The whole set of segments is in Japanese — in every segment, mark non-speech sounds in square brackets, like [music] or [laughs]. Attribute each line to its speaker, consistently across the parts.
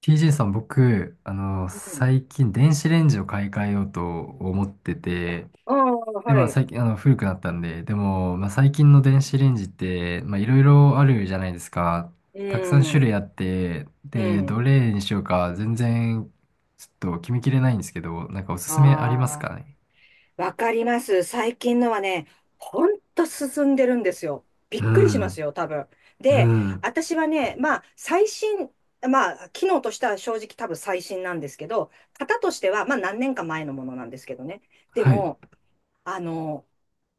Speaker 1: TJ さん、僕、
Speaker 2: うん。
Speaker 1: 最近電子レンジを買い替えようと思ってて、
Speaker 2: ああ、
Speaker 1: で、
Speaker 2: は
Speaker 1: まあ
Speaker 2: い。
Speaker 1: 最近、古くなったんで、でも、まあ最近の電子レンジって、まあいろいろあるじゃないですか。
Speaker 2: う
Speaker 1: たくさん種
Speaker 2: ん。
Speaker 1: 類あって、
Speaker 2: う
Speaker 1: で、ど
Speaker 2: ん。
Speaker 1: れにしようか全然、ちょっと決めきれないんですけど、なんかおすすめあります
Speaker 2: あ
Speaker 1: かね？
Speaker 2: あ、わかります。最近のはね、ほんと進んでるんですよ。びっ
Speaker 1: う
Speaker 2: くりしま
Speaker 1: ん、
Speaker 2: すよ、多分。
Speaker 1: う
Speaker 2: で、
Speaker 1: ん、
Speaker 2: 私はね、まあ、まあ、機能としては正直多分最新なんですけど、型としては、まあ、何年か前のものなんですけどね。で
Speaker 1: はい。
Speaker 2: も、あの、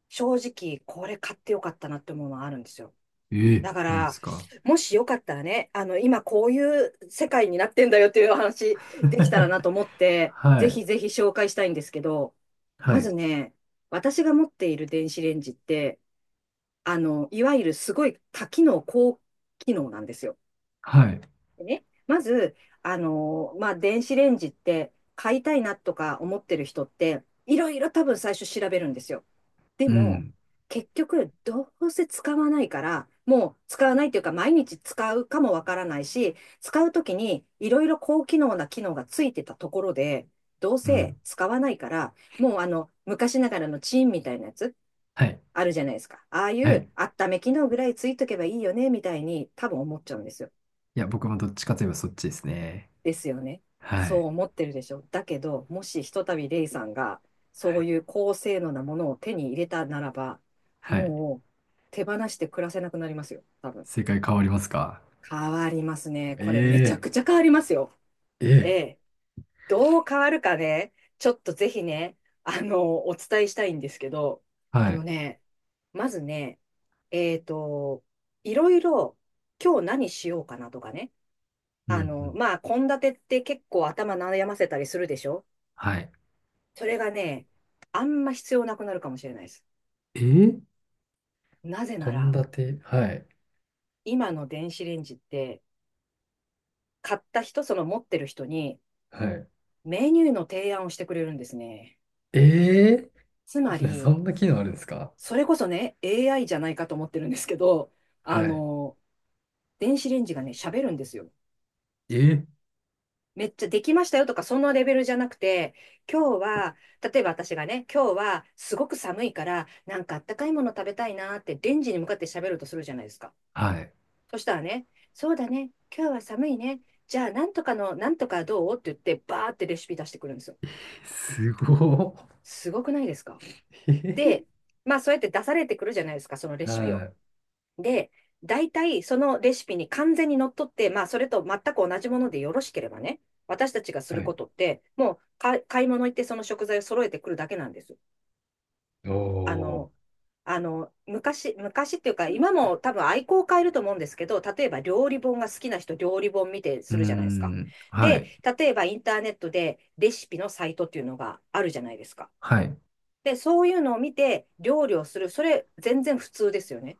Speaker 2: 正直、これ買ってよかったなって思うのはあるんですよ。
Speaker 1: ええ、
Speaker 2: だか
Speaker 1: なんで
Speaker 2: ら、
Speaker 1: すか？
Speaker 2: もしよかったらね、今こういう世界になってんだよっていうお話できたらなと思っ
Speaker 1: [laughs]
Speaker 2: て、
Speaker 1: は
Speaker 2: ぜ
Speaker 1: い、
Speaker 2: ひぜひ紹介したいんですけど、
Speaker 1: は
Speaker 2: ま
Speaker 1: い、
Speaker 2: ずね、私が持っている電子レンジって、いわゆるすごい多機能、高機能なんですよ。
Speaker 1: はい、
Speaker 2: でね、まず、まあ、電子レンジって買いたいなとか思ってる人って、いろいろ多分最初調べるんですよ。で
Speaker 1: う
Speaker 2: も、
Speaker 1: ん、
Speaker 2: 結局、どうせ使わないから、もう使わないというか、毎日使うかもわからないし、使うときにいろいろ高機能な機能がついてたところで、どう
Speaker 1: う
Speaker 2: せ
Speaker 1: ん、
Speaker 2: 使わないから、もう昔ながらのチーンみたいなやつ、
Speaker 1: はい、
Speaker 2: あるじゃないですか。ああい
Speaker 1: は
Speaker 2: う
Speaker 1: い。
Speaker 2: 温め機能ぐらいついとけばいいよね、みたいに多分思っちゃうんですよ。
Speaker 1: いや、僕もどっちかといえばそっちですね。
Speaker 2: ですよね。
Speaker 1: は
Speaker 2: そう
Speaker 1: い。
Speaker 2: 思ってるでしょ。だけど、もしひとたびレイさんが、
Speaker 1: は
Speaker 2: そう
Speaker 1: い。
Speaker 2: いう高性能なものを手に入れたならば、
Speaker 1: はい。
Speaker 2: もう手放して暮らせなくなりますよ。多分。
Speaker 1: 正解変わりますか？
Speaker 2: 変わりますね。これめちゃ
Speaker 1: え
Speaker 2: くちゃ変わりますよ。
Speaker 1: え
Speaker 2: え
Speaker 1: ええ。
Speaker 2: え。どう変わるかね、ちょっとぜひね、お伝えしたいんですけど、
Speaker 1: は
Speaker 2: あの
Speaker 1: い。
Speaker 2: ね、まずね、えっと、いろいろ今日何しようかなとかね、
Speaker 1: うんうん。
Speaker 2: まあ、献立って結構頭悩ませたりするでしょ。
Speaker 1: はい。
Speaker 2: それがね、あんま必要なくなるかもしれないです。
Speaker 1: ええ。
Speaker 2: なぜな
Speaker 1: 献
Speaker 2: ら、
Speaker 1: 立。はい。
Speaker 2: 今の電子レンジって、買った人、その持ってる人に、
Speaker 1: はい。
Speaker 2: メニューの提案をしてくれるんですね。
Speaker 1: ええ。
Speaker 2: つま
Speaker 1: [laughs] そ
Speaker 2: り、
Speaker 1: んな機能あるんですか？
Speaker 2: それこそね、AI じゃないかと思ってるんですけど、あ
Speaker 1: はい。
Speaker 2: の、電子レンジがね、喋るんですよ。
Speaker 1: ええ。
Speaker 2: めっちゃできましたよとか、そのレベルじゃなくて、今日は、例えば私がね、今日はすごく寒いから、なんかあったかいもの食べたいなってレンジに向かって喋るとするじゃないですか。
Speaker 1: はい。
Speaker 2: そしたらね、そうだね、今日は寒いね。じゃあ、なんとかの、なんとかどうって言って、バーってレシピ出してくるんですよ。
Speaker 1: すご
Speaker 2: すごくないですか？
Speaker 1: い。え
Speaker 2: で、
Speaker 1: え。
Speaker 2: まあ、そうやって出されてくるじゃないですか、そのレ
Speaker 1: は
Speaker 2: シピを。
Speaker 1: い。
Speaker 2: で、大体そのレシピに完全にのっとって、まあ、それと全く同じものでよろしければね、私たちがす
Speaker 1: は
Speaker 2: るこ
Speaker 1: い。
Speaker 2: とって、もう買い物行ってその食材を揃えてくるだけなんです。
Speaker 1: お
Speaker 2: あの、
Speaker 1: ー。
Speaker 2: 昔、昔っていうか、今も多分愛好を変えると思うんですけど、例えば料理本が好きな人、料理本見て
Speaker 1: う
Speaker 2: す
Speaker 1: ー
Speaker 2: るじゃないですか。
Speaker 1: ん。は
Speaker 2: で、
Speaker 1: い。
Speaker 2: 例えばインターネットでレシピのサイトっていうのがあるじゃないですか。
Speaker 1: はい。
Speaker 2: で、そういうのを見て料理をする、それ全然普通ですよね。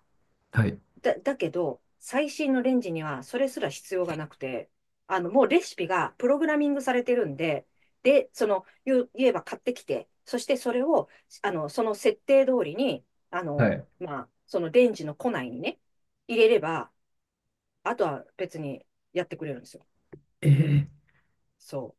Speaker 1: はい。
Speaker 2: だけど、最新のレンジにはそれすら必要がなくて、もうレシピがプログラミングされてるんで、で、言えば買ってきて、そしてそれを、その設定通りに、
Speaker 1: はい。
Speaker 2: まあ、そのレンジの庫内にね、入れれば、あとは別にやってくれるんですよ。
Speaker 1: ええ
Speaker 2: そう。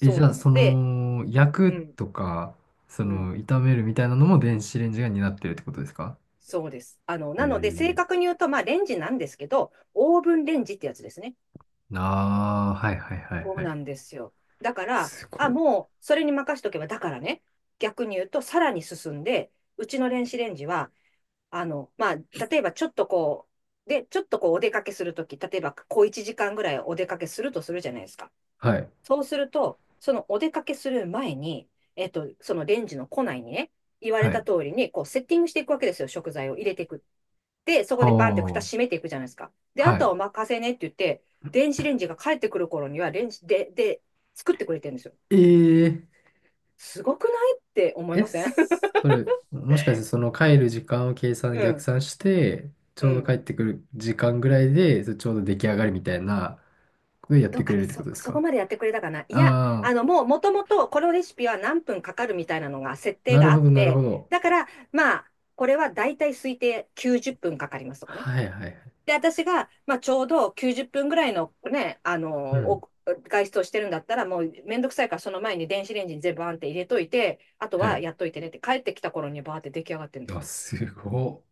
Speaker 1: え、じ
Speaker 2: う
Speaker 1: ゃあ、
Speaker 2: なので、
Speaker 1: 焼
Speaker 2: う
Speaker 1: く
Speaker 2: ん、
Speaker 1: とか、
Speaker 2: うん、
Speaker 1: 炒めるみたいなのも電子レンジが担ってるってことですか？
Speaker 2: そうです。
Speaker 1: え
Speaker 2: なので、正
Speaker 1: ー、
Speaker 2: 確に言うと、まあ、レンジなんですけど、オーブンレンジってやつですね。
Speaker 1: ああー、はいはいはい
Speaker 2: そ
Speaker 1: は
Speaker 2: う
Speaker 1: い。
Speaker 2: なんですよ。だから、
Speaker 1: す
Speaker 2: あ、
Speaker 1: ごい。
Speaker 2: もうそれに任しとけば、だからね、逆に言うと、さらに進んで、うちの電子レンジは、まあ、例えばちょっとこうお出かけするとき、例えばこう1時間ぐらいお出かけするとするじゃないですか。
Speaker 1: はい。
Speaker 2: そうすると、そのお出かけする前に、そのレンジの庫内にね、言わ
Speaker 1: は
Speaker 2: れた
Speaker 1: い。
Speaker 2: 通りに、こうセッティングしていくわけですよ、食材を入れていく。で、そこでバンって蓋
Speaker 1: は
Speaker 2: 閉めていくじゃないですか。で、
Speaker 1: あ。
Speaker 2: あとは
Speaker 1: は
Speaker 2: お任せねって言って、電子レンジが帰ってくる頃には、レンジで、作ってくれてるんですよ。
Speaker 1: い。えー、
Speaker 2: すごくないって思い
Speaker 1: え、
Speaker 2: ません？
Speaker 1: それ、もしかしてその帰る時間を
Speaker 2: [laughs] う
Speaker 1: 逆
Speaker 2: ん。
Speaker 1: 算して、ち
Speaker 2: う
Speaker 1: ょうど帰
Speaker 2: ん。
Speaker 1: ってくる時間ぐらいで、それちょうど出来上がりみたいなことをやっ
Speaker 2: ど
Speaker 1: て
Speaker 2: う
Speaker 1: く
Speaker 2: か
Speaker 1: れ
Speaker 2: な
Speaker 1: るってことです
Speaker 2: そこ
Speaker 1: か？
Speaker 2: までやってくれたかないや、
Speaker 1: ああ
Speaker 2: もともと、このレシピは何分かかるみたいなのが、設
Speaker 1: ー、
Speaker 2: 定
Speaker 1: なる
Speaker 2: があ
Speaker 1: ほ
Speaker 2: っ
Speaker 1: どなる
Speaker 2: て、
Speaker 1: ほど。
Speaker 2: だから、まあ、これはだいたい推定90分かかりますとかね。
Speaker 1: はいはいはい。
Speaker 2: で、私が、まあ、ちょうど90分ぐらいのね、
Speaker 1: うん。
Speaker 2: お外出をしてるんだったら、もうめんどくさいから、その前に電子レンジに全部バーンって入れといて、あと
Speaker 1: は
Speaker 2: は
Speaker 1: い。
Speaker 2: やっといてねって、帰ってきた頃にバーって出来上がってるんです
Speaker 1: あ、
Speaker 2: よ。
Speaker 1: すごっ。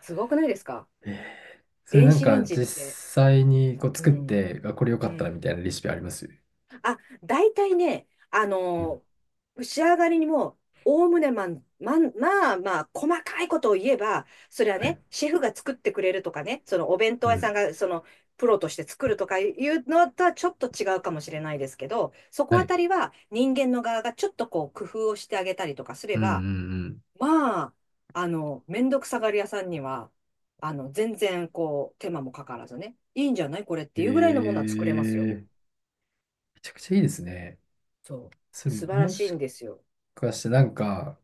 Speaker 2: すごくないですか？
Speaker 1: えーそれ
Speaker 2: 電
Speaker 1: なん
Speaker 2: 子レ
Speaker 1: か
Speaker 2: ンジっ
Speaker 1: 実
Speaker 2: て。
Speaker 1: 際にこう
Speaker 2: う
Speaker 1: 作っ
Speaker 2: ん。
Speaker 1: て、あ、これ良か
Speaker 2: う
Speaker 1: ったみ
Speaker 2: ん。
Speaker 1: たいなレシピあります？
Speaker 2: あ、大体ね、
Speaker 1: うん。
Speaker 2: 仕上がりにも、おおむねまあまあ、細かいことを言えば、それは
Speaker 1: は
Speaker 2: ね、
Speaker 1: い。
Speaker 2: シェフが作ってくれるとかね、そのお弁
Speaker 1: う
Speaker 2: 当屋さ
Speaker 1: ん。
Speaker 2: んが、プロとして作るとかいうのとはちょっと違うかもしれないですけど、そこ
Speaker 1: は
Speaker 2: あ
Speaker 1: い。
Speaker 2: たりは人間の側がちょっとこう工夫をしてあげたりとかすれ
Speaker 1: うんう
Speaker 2: ば、
Speaker 1: ん
Speaker 2: まあ、めんどくさがり屋さんには、全然こう、手間もかからずね、いいんじゃないこれって
Speaker 1: うん。え
Speaker 2: いうぐらいのものは作れますよ。
Speaker 1: ー、めちゃくちゃいいですね。
Speaker 2: そう。
Speaker 1: それ
Speaker 2: 素晴ら
Speaker 1: も
Speaker 2: しい
Speaker 1: し
Speaker 2: んですよ。
Speaker 1: かしてなんか、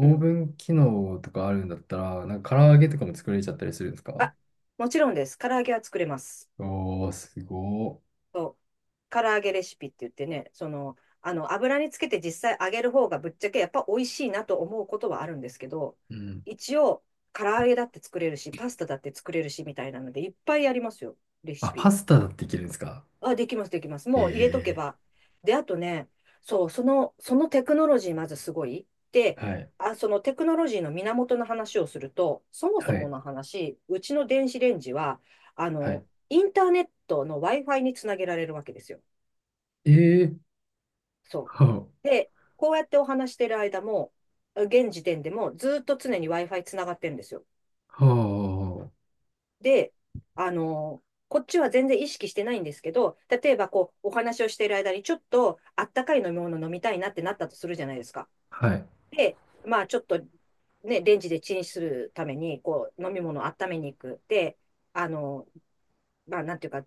Speaker 2: う
Speaker 1: ーブ
Speaker 2: ん。
Speaker 1: ン機能とかあるんだったら、なんか唐揚げ
Speaker 2: う
Speaker 1: と
Speaker 2: ん。
Speaker 1: かも作れちゃったりするんですか？
Speaker 2: あ、もちろんです。唐揚げは作れます。
Speaker 1: おー、すごー。
Speaker 2: そう。唐揚げレシピって言ってね、油につけて実際揚げる方がぶっちゃけやっぱ美味しいなと思うことはあるんですけど、
Speaker 1: うん。
Speaker 2: 一応、唐揚げだって作れるし、パスタだって作れるし、みたいなので、いっぱいありますよ。レシ
Speaker 1: あ、パ
Speaker 2: ピ。
Speaker 1: スタだっていけるんですか？
Speaker 2: あ、できます、できます。もう入れとけ
Speaker 1: え
Speaker 2: ば。で、あとね、そう、そのテクノロジーまずすごい。で、
Speaker 1: えー、はい。
Speaker 2: あ、そのテクノロジーの源の話をすると、そも
Speaker 1: は
Speaker 2: そも
Speaker 1: い。
Speaker 2: の話、うちの電子レンジは、
Speaker 1: はい。
Speaker 2: インターネットの Wi-Fi につなげられるわけですよ。
Speaker 1: ええー、
Speaker 2: そ
Speaker 1: は
Speaker 2: う。で、こうやってお話してる間も、現時点でもずっと常に Wi-Fi つながってるんですよ。
Speaker 1: あ、は
Speaker 2: で、あの、こっちは全然意識してないんですけど、例えばこう、お話をしている間にちょっとあったかい飲み物飲みたいなってなったとするじゃないですか。
Speaker 1: あ、はい。
Speaker 2: で、まあちょっとね、レンジでチンするために、こう、飲み物を温めに行く。で、あの、まあなんていうか、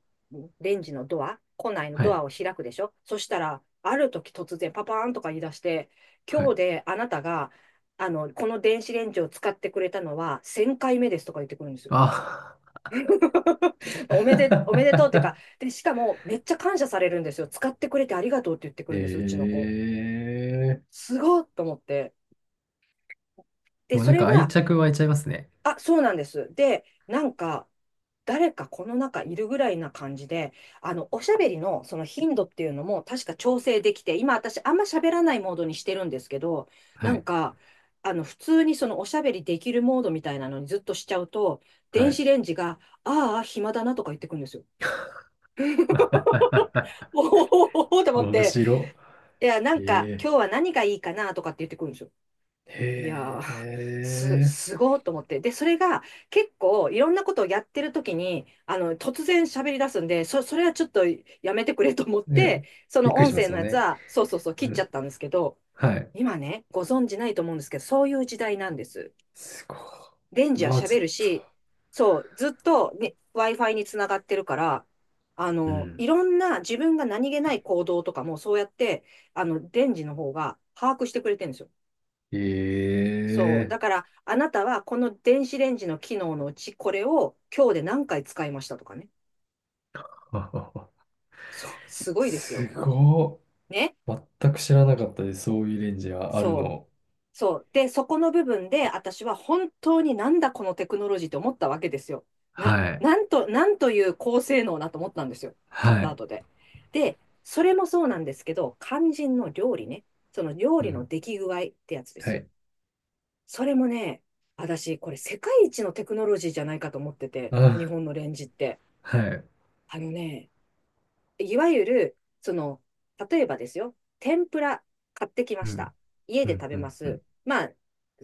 Speaker 2: レンジのドア、庫内の
Speaker 1: は
Speaker 2: ド
Speaker 1: い。
Speaker 2: アを開くでしょ。そしたら、ある時突然パパーンとか言い出して、
Speaker 1: は
Speaker 2: 今
Speaker 1: い。
Speaker 2: 日であなたが、この電子レンジを使ってくれたのは1000回目ですとか言ってくるんですよ。
Speaker 1: あ、
Speaker 2: [laughs] おめでとうっていうか、
Speaker 1: [laughs]
Speaker 2: で、しかもめっちゃ感謝されるんですよ。使ってくれてありがとうって言ってくるんです、うちの子。
Speaker 1: ええ。
Speaker 2: すごっと思って。で、
Speaker 1: もう
Speaker 2: そ
Speaker 1: なん
Speaker 2: れ
Speaker 1: か愛
Speaker 2: は、
Speaker 1: 着湧いちゃいますね。
Speaker 2: あ、そうなんです。で、なんか、誰かこの中いるぐらいな感じで、おしゃべりのその頻度っていうのも確か調整できて、今私あんま喋らないモードにしてるんですけど、
Speaker 1: は
Speaker 2: なん
Speaker 1: い。
Speaker 2: か、普通にそのおしゃべりできるモードみたいなのにずっとしちゃうと、
Speaker 1: は
Speaker 2: 電
Speaker 1: い。
Speaker 2: 子レンジが、ああ、暇だなとか言ってくるんですよ。
Speaker 1: [laughs]
Speaker 2: おおおおおと思って、
Speaker 1: 面
Speaker 2: いや、なんか、
Speaker 1: 白。ええ。
Speaker 2: 今日は何がいいかなとかって言ってくるんですよ。いやー、
Speaker 1: へえ。
Speaker 2: すごーと思って。で、それが結構いろんなことをやってる時に、突然喋り出すんで、それはちょっとやめてくれと思って、
Speaker 1: ね、
Speaker 2: そ
Speaker 1: びっ
Speaker 2: の
Speaker 1: くり
Speaker 2: 音
Speaker 1: しま
Speaker 2: 声
Speaker 1: すも
Speaker 2: の
Speaker 1: ん
Speaker 2: やつ
Speaker 1: ね。
Speaker 2: は、そうそうそう、切
Speaker 1: う
Speaker 2: っちゃ
Speaker 1: ん。
Speaker 2: ったんですけど、
Speaker 1: はい。
Speaker 2: 今ね、ご存知ないと思うんですけど、そういう時代なんです。
Speaker 1: すごい。
Speaker 2: レン
Speaker 1: う
Speaker 2: ジは
Speaker 1: わ、ちょ
Speaker 2: 喋
Speaker 1: っ
Speaker 2: る
Speaker 1: と。
Speaker 2: し、そう、ずっと、ね、Wi-Fi につながってるから、
Speaker 1: うん。
Speaker 2: いろんな自分が何気ない行動とかもそうやって、レンジの方が把握してくれてるんですよ。そう。
Speaker 1: ええ
Speaker 2: だから、あなたはこの電子レンジの機能のうち、これを今日で何回使いましたとかね。
Speaker 1: ー。
Speaker 2: そう。す
Speaker 1: [laughs]
Speaker 2: ごいです
Speaker 1: す
Speaker 2: よ。
Speaker 1: ご
Speaker 2: ね。
Speaker 1: い。全く知らなかったです。そういうレンジがある
Speaker 2: そう。
Speaker 1: の。
Speaker 2: そう。で、そこの部分で、私は本当になんだこのテクノロジーって思ったわけですよ。
Speaker 1: はい。
Speaker 2: なんと、なんという高性能なと思ったんですよ。買っ
Speaker 1: は
Speaker 2: た
Speaker 1: い。
Speaker 2: 後で。で、それもそうなんですけど、肝心の料理ね。その料
Speaker 1: う
Speaker 2: 理の
Speaker 1: ん。
Speaker 2: 出来具合ってやつで
Speaker 1: は
Speaker 2: すよ。
Speaker 1: い。
Speaker 2: それもね、私、これ世界一のテクノロジーじゃないかと思ってて、日
Speaker 1: あ、
Speaker 2: 本のレンジって。
Speaker 1: はい。
Speaker 2: あのね、いわゆる、その、例えばですよ、天ぷら買ってきま
Speaker 1: う
Speaker 2: し
Speaker 1: ん。
Speaker 2: た。家
Speaker 1: う
Speaker 2: で
Speaker 1: ん
Speaker 2: 食
Speaker 1: う
Speaker 2: べま
Speaker 1: んうん。
Speaker 2: す。まあ、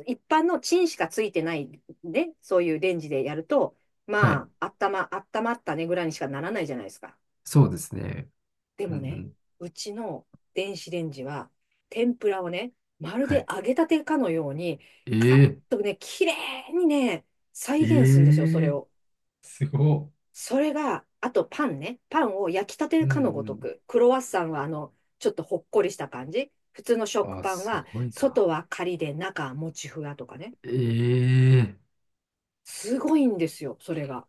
Speaker 2: 一般のチンしかついてないね、そういうレンジでやると、
Speaker 1: は
Speaker 2: ま
Speaker 1: い。
Speaker 2: あ、あったまったねぐらいにしかならないじゃないですか。
Speaker 1: そうですね。
Speaker 2: で
Speaker 1: う
Speaker 2: も
Speaker 1: んう
Speaker 2: ね、
Speaker 1: ん。
Speaker 2: うちの電子レンジは、天ぷらをね、まる
Speaker 1: は
Speaker 2: で
Speaker 1: い。
Speaker 2: 揚げたてかのように、カラッ
Speaker 1: え
Speaker 2: とね、綺麗にね、再
Speaker 1: え
Speaker 2: 現するんですよ、そ
Speaker 1: え
Speaker 2: れ
Speaker 1: え。
Speaker 2: を。
Speaker 1: すごっ。
Speaker 2: それが、あとパンね。パンを焼きた
Speaker 1: う
Speaker 2: てかのごと
Speaker 1: ん
Speaker 2: く。クロワッサンはちょっとほっこりした感じ。普通の
Speaker 1: うん。
Speaker 2: 食
Speaker 1: あ、
Speaker 2: パン
Speaker 1: す
Speaker 2: は、
Speaker 1: ごいな。
Speaker 2: 外はカリで中はもちふわとかね。
Speaker 1: ええ。
Speaker 2: すごいんですよ、それが。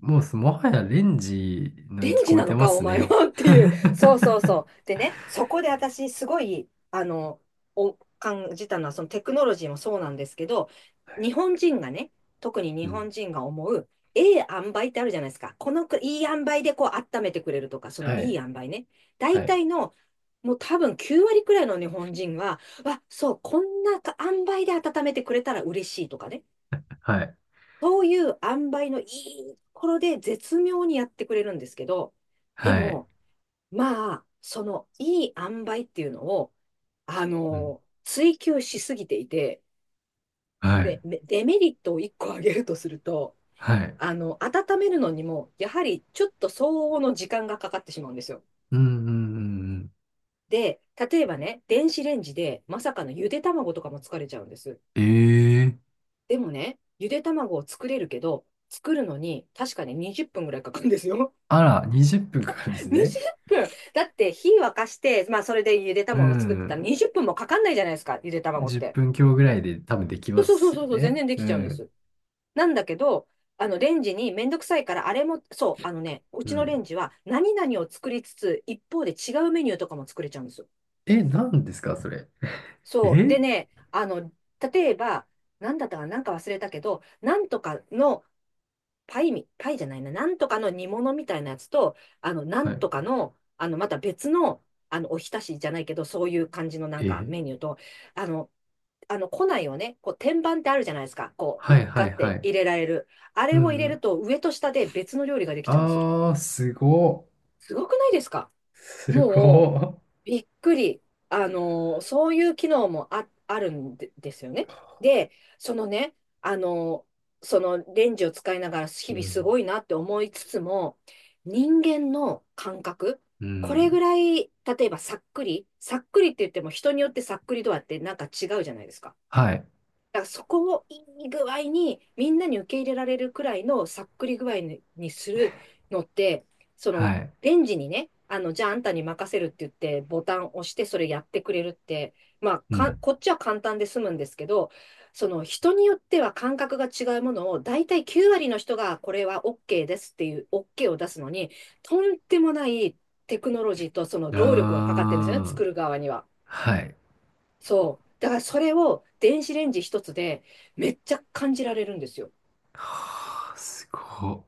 Speaker 1: もうもはやレンジの
Speaker 2: 電
Speaker 1: 域
Speaker 2: ンジ
Speaker 1: 超え
Speaker 2: な
Speaker 1: て
Speaker 2: の
Speaker 1: ま
Speaker 2: か、お
Speaker 1: す
Speaker 2: 前
Speaker 1: ね。
Speaker 2: は [laughs] っ
Speaker 1: [laughs]
Speaker 2: ていう。そうそうそう。でね、そこで私、すごい、お、感じたのは、そのテクノロジーもそうなんですけど、日本人がね、特に
Speaker 1: う
Speaker 2: 日
Speaker 1: ん。
Speaker 2: 本人が思う、ええ塩梅ってあるじゃないですか。このく、いい塩梅でこう、温めてくれるとか、その
Speaker 1: は
Speaker 2: いい
Speaker 1: い。
Speaker 2: 塩梅ね。大
Speaker 1: はい。
Speaker 2: 体の、もう多分9割くらいの日本人は、わ、そう、こんなか塩梅で温めてくれたら嬉しいとかね。
Speaker 1: はい。
Speaker 2: そういう塩梅のいいところで絶妙にやってくれるんですけど、で
Speaker 1: はい。
Speaker 2: も、まあ、そのいい塩梅っていうのを、
Speaker 1: うん。
Speaker 2: 追求しすぎていて、
Speaker 1: はい。
Speaker 2: デメリットを1個挙げるとすると、
Speaker 1: はい。
Speaker 2: 温めるのにも、やはりちょっと相応の時間がかかってしまうんですよ。
Speaker 1: うんうんうんうん。
Speaker 2: で、例えばね、電子レンジでまさかのゆで卵とかも作れちゃうんです。
Speaker 1: ええ。
Speaker 2: でもね、ゆで卵を作れるけど、作るのに確かに20分ぐらいかかるんですよ。
Speaker 1: あら、20分からですね。
Speaker 2: 20分だって火沸かして、まあそれでゆで
Speaker 1: う
Speaker 2: 卵を作ってたら
Speaker 1: ん。
Speaker 2: 20分もかかんないじゃないですか、ゆで卵っ
Speaker 1: 10
Speaker 2: て。
Speaker 1: 分強ぐらいで多分でき
Speaker 2: そ
Speaker 1: ま
Speaker 2: うそうそう
Speaker 1: すよ
Speaker 2: そうそう、全
Speaker 1: ね。
Speaker 2: 然で
Speaker 1: う
Speaker 2: きちゃうんで
Speaker 1: ん。
Speaker 2: す。なんだけど、あのレンジにめんどくさいから、あれも、そう、う
Speaker 1: う
Speaker 2: ちのレ
Speaker 1: ん。
Speaker 2: ンジは何々を作りつつ、一方で違うメニューとかも作れちゃうんですよ。
Speaker 1: え、何ですか、それ。
Speaker 2: そう。
Speaker 1: え。
Speaker 2: でね、例えば、なんだったかな、なんか忘れたけど、なんとかのパイみ、パイじゃないな、なんとかの煮物みたいなやつと、な
Speaker 1: は
Speaker 2: ん
Speaker 1: い。
Speaker 2: とかの、また別の、おひたしじゃないけど、そういう感じのなんか
Speaker 1: え、
Speaker 2: メニューと、あの、庫内をね、こう、天板ってあるじゃないですか。こ
Speaker 1: は
Speaker 2: う、
Speaker 1: いは
Speaker 2: ガ
Speaker 1: い
Speaker 2: っ
Speaker 1: は
Speaker 2: て
Speaker 1: い。
Speaker 2: 入れられる。あ
Speaker 1: う
Speaker 2: れを入
Speaker 1: んう
Speaker 2: れる
Speaker 1: ん。
Speaker 2: と、上と下で別の料理ができちゃうんですよ。
Speaker 1: あー、すごっ。
Speaker 2: すごくないですか。
Speaker 1: すご
Speaker 2: もう、
Speaker 1: っ。
Speaker 2: びっくり。そういう機能もあるんで、ですよね。で、そのね、あのそのレンジを使いながら日
Speaker 1: う
Speaker 2: 々す
Speaker 1: ん。
Speaker 2: ごいなって思いつつも、人間の感覚、
Speaker 1: う
Speaker 2: これぐ
Speaker 1: ん。
Speaker 2: らい、例えばさっくりって言っても人によってさっくり度合ってなんか違うじゃないですか。
Speaker 1: はい。
Speaker 2: だからそこをいい具合にみんなに受け入れられるくらいのさっくり具合にするのって、そ
Speaker 1: は
Speaker 2: の、
Speaker 1: い。
Speaker 2: レンジにね、じゃああんたに任せるって言ってボタンを押してそれやってくれるって、まあ
Speaker 1: う
Speaker 2: か、
Speaker 1: ん。
Speaker 2: こっちは簡単で済むんですけど、その人によっては感覚が違うものを大体9割の人がこれは OK ですっていう OK を出すのに、とんでもないテクノロジーとその労力がかかってるんですよね、
Speaker 1: あー、
Speaker 2: 作る側には。
Speaker 1: はい。
Speaker 2: そう。だからそれを電子レンジ一つでめっちゃ感じられるんですよ。
Speaker 1: はー、すごっ。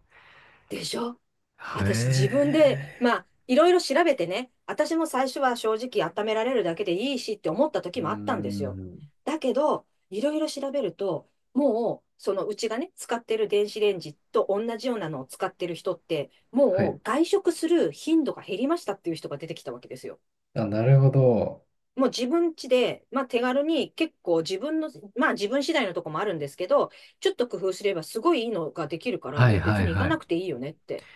Speaker 2: でしょ。
Speaker 1: へ
Speaker 2: 私自分で、ま
Speaker 1: え。
Speaker 2: あ、いろいろ調べてね、私も最初は正直温められるだけでいいしって思った
Speaker 1: う
Speaker 2: 時
Speaker 1: ー
Speaker 2: もあったんですよ。
Speaker 1: ん。
Speaker 2: だけど、いろいろ調べると、もう、そのうちがね、使ってる電子レンジと同じようなのを使ってる人って、
Speaker 1: は
Speaker 2: も
Speaker 1: い。
Speaker 2: う外食する頻度が減りましたっていう人が出てきたわけですよ。
Speaker 1: あ、なるほど。
Speaker 2: もう自分家で、まあ手軽に結構自分の、まあ自分次第のとこもあるんですけど、ちょっと工夫すればすごいいいのができるから、
Speaker 1: は
Speaker 2: も
Speaker 1: い
Speaker 2: う
Speaker 1: は
Speaker 2: 別
Speaker 1: い
Speaker 2: に行か
Speaker 1: はい。
Speaker 2: なくていいよねって。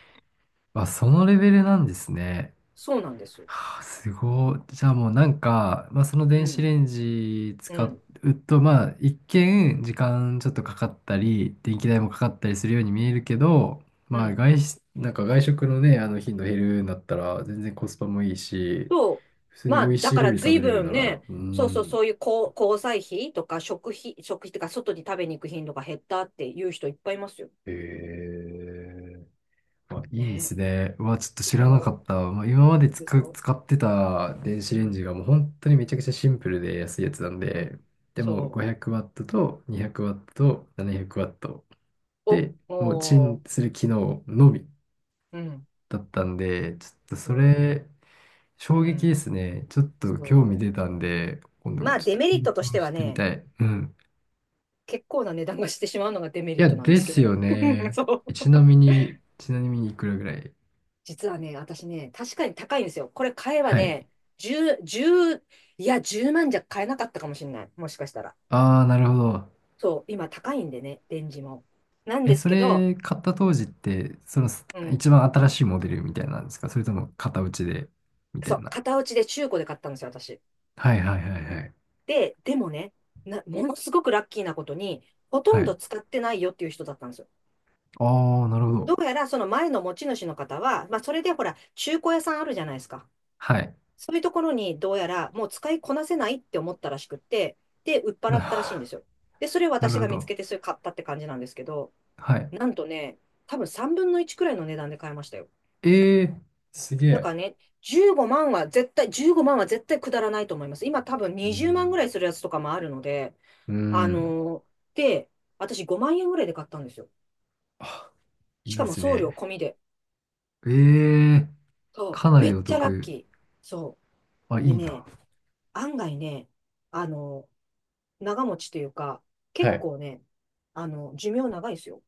Speaker 1: あ、そのレベルなんですね。
Speaker 2: そうなんです。
Speaker 1: はあ。すごい。じゃあもうなんか、まあ、その
Speaker 2: う
Speaker 1: 電子
Speaker 2: ん、
Speaker 1: レンジ
Speaker 2: う
Speaker 1: 使う
Speaker 2: ん、
Speaker 1: と、まあ一見時間ちょっとかかったり、電気代もかかったりするように見えるけど、
Speaker 2: う
Speaker 1: まあ
Speaker 2: ん。
Speaker 1: なんか外食のね、あの頻度減るんだったら全然コスパもいいし、
Speaker 2: そ
Speaker 1: 普通
Speaker 2: う。
Speaker 1: に
Speaker 2: ま
Speaker 1: 美
Speaker 2: あ
Speaker 1: 味し
Speaker 2: だ
Speaker 1: い
Speaker 2: か
Speaker 1: 料
Speaker 2: ら
Speaker 1: 理食
Speaker 2: 随
Speaker 1: べれる
Speaker 2: 分
Speaker 1: なら、
Speaker 2: ね、
Speaker 1: う
Speaker 2: そうそう、
Speaker 1: ん。
Speaker 2: そういう交、交際費とか食費とか外に食べに行く頻度が減ったっていう人いっぱいいますよ。
Speaker 1: へえ。あ、いいで
Speaker 2: ね。
Speaker 1: すね。うわ、ちょっと
Speaker 2: で
Speaker 1: 知
Speaker 2: し
Speaker 1: らなか
Speaker 2: ょ。
Speaker 1: った。まあ、今まで
Speaker 2: でしょ。
Speaker 1: 使ってた電
Speaker 2: う
Speaker 1: 子レン
Speaker 2: ん、
Speaker 1: ジがもう本当にめちゃくちゃシンプルで安いやつなん
Speaker 2: う
Speaker 1: で、
Speaker 2: ん。
Speaker 1: でも
Speaker 2: そ
Speaker 1: 500W と 200W と 700W
Speaker 2: う。
Speaker 1: で、もうチ
Speaker 2: お
Speaker 1: ンする機能のみ
Speaker 2: ー、うん、
Speaker 1: だったんで、ちょっとそ
Speaker 2: そ
Speaker 1: れ、
Speaker 2: う、う
Speaker 1: 衝撃で
Speaker 2: ん、
Speaker 1: すね。ちょっと興味出
Speaker 2: そう。
Speaker 1: たんで、今度
Speaker 2: まあ、
Speaker 1: ちょっ
Speaker 2: デ
Speaker 1: と
Speaker 2: メリッ
Speaker 1: 検
Speaker 2: トとして
Speaker 1: 討し
Speaker 2: は
Speaker 1: てみ
Speaker 2: ね、
Speaker 1: たい。うん。
Speaker 2: 結構な値段がしてしまうのがデメ
Speaker 1: い
Speaker 2: リッ
Speaker 1: や、
Speaker 2: トなんで
Speaker 1: で
Speaker 2: すけ
Speaker 1: す
Speaker 2: ど
Speaker 1: よ
Speaker 2: ね。[laughs]
Speaker 1: ね。
Speaker 2: そう。
Speaker 1: ちなみにいくらぐらい？
Speaker 2: 実はね、私ね、確かに高いんですよ。これ買えば
Speaker 1: はい。
Speaker 2: ね、10、じゅういや、1万じゃ買えなかったかもしれない。もしかしたら。
Speaker 1: ああ、なるほど。
Speaker 2: そう、今高いんでね、レンジも。なん
Speaker 1: え、
Speaker 2: です
Speaker 1: そ
Speaker 2: けど、
Speaker 1: れ買った当時って、そのす
Speaker 2: う
Speaker 1: 一
Speaker 2: ん。
Speaker 1: 番新しいモデルみたいなんですか？それとも型打ちで、みた
Speaker 2: そ
Speaker 1: い
Speaker 2: う、
Speaker 1: な？
Speaker 2: 型落ちで中古で買ったんですよ、私。
Speaker 1: はいはいはいはい。
Speaker 2: でもね、ものすごくラッキーなことに、ほと
Speaker 1: は
Speaker 2: んど
Speaker 1: い。
Speaker 2: 使ってないよっていう人だったんですよ。
Speaker 1: ああ、なるほ
Speaker 2: ど
Speaker 1: ど。
Speaker 2: うやらその前の持ち主の方は、まあそれでほら、中古屋さんあるじゃないですか。
Speaker 1: はい。
Speaker 2: そういうところにどうやらもう使いこなせないって思ったらしくって、で、売っ払
Speaker 1: な、
Speaker 2: ったらしいんで
Speaker 1: [laughs]
Speaker 2: すよ。で、それを
Speaker 1: な
Speaker 2: 私
Speaker 1: るほ
Speaker 2: が見つ
Speaker 1: ど。
Speaker 2: けてそれ買ったって感じなんですけど、
Speaker 1: はい。
Speaker 2: なんとね、多分3分の1くらいの値段で買いましたよ。
Speaker 1: ええ。すげ
Speaker 2: だか
Speaker 1: え。
Speaker 2: らね、15万は絶対くだらないと思います。今多分
Speaker 1: う
Speaker 2: 20万ぐ
Speaker 1: ん。
Speaker 2: らいするやつとかもあるので、
Speaker 1: う
Speaker 2: あ
Speaker 1: ん。
Speaker 2: ので、私5万円ぐらいで買ったんですよ。し
Speaker 1: いい
Speaker 2: か
Speaker 1: で
Speaker 2: も
Speaker 1: す
Speaker 2: 送料
Speaker 1: ね。
Speaker 2: 込みで。
Speaker 1: ええ。
Speaker 2: そ
Speaker 1: か
Speaker 2: う、
Speaker 1: な
Speaker 2: め
Speaker 1: り
Speaker 2: っ
Speaker 1: お
Speaker 2: ちゃラッ
Speaker 1: 得。
Speaker 2: キー。そ
Speaker 1: あ、い
Speaker 2: う。で
Speaker 1: いな。
Speaker 2: ね、案外ね、あのー長持ちというか、結
Speaker 1: はい。
Speaker 2: 構ね、寿命長いですよ。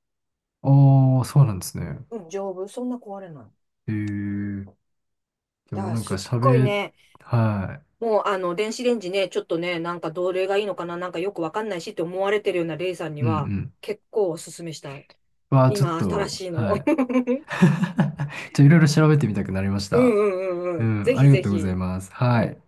Speaker 1: ああ、そうなんですね。
Speaker 2: うん、丈夫。そんな壊れない。
Speaker 1: ええ。で
Speaker 2: だ
Speaker 1: も
Speaker 2: から
Speaker 1: なんか
Speaker 2: すっごい
Speaker 1: 喋、
Speaker 2: ね、
Speaker 1: はい。
Speaker 2: もう電子レンジね、ちょっとね、なんかどれがいいのかな、なんかよくわかんないしって思われてるようなレイさんに
Speaker 1: うんう
Speaker 2: は、
Speaker 1: ん。
Speaker 2: 結構おすすめしたい。
Speaker 1: わあ、ちょっ
Speaker 2: 今、新
Speaker 1: と、
Speaker 2: しいの。
Speaker 1: は
Speaker 2: [laughs]
Speaker 1: い。いろいろ調べてみたくなりまし
Speaker 2: うん
Speaker 1: た。
Speaker 2: うんうん
Speaker 1: う
Speaker 2: うん。
Speaker 1: ん、
Speaker 2: ぜ
Speaker 1: あ
Speaker 2: ひ
Speaker 1: りが
Speaker 2: ぜ
Speaker 1: とうござい
Speaker 2: ひ。
Speaker 1: ます。
Speaker 2: う
Speaker 1: はい。
Speaker 2: ん。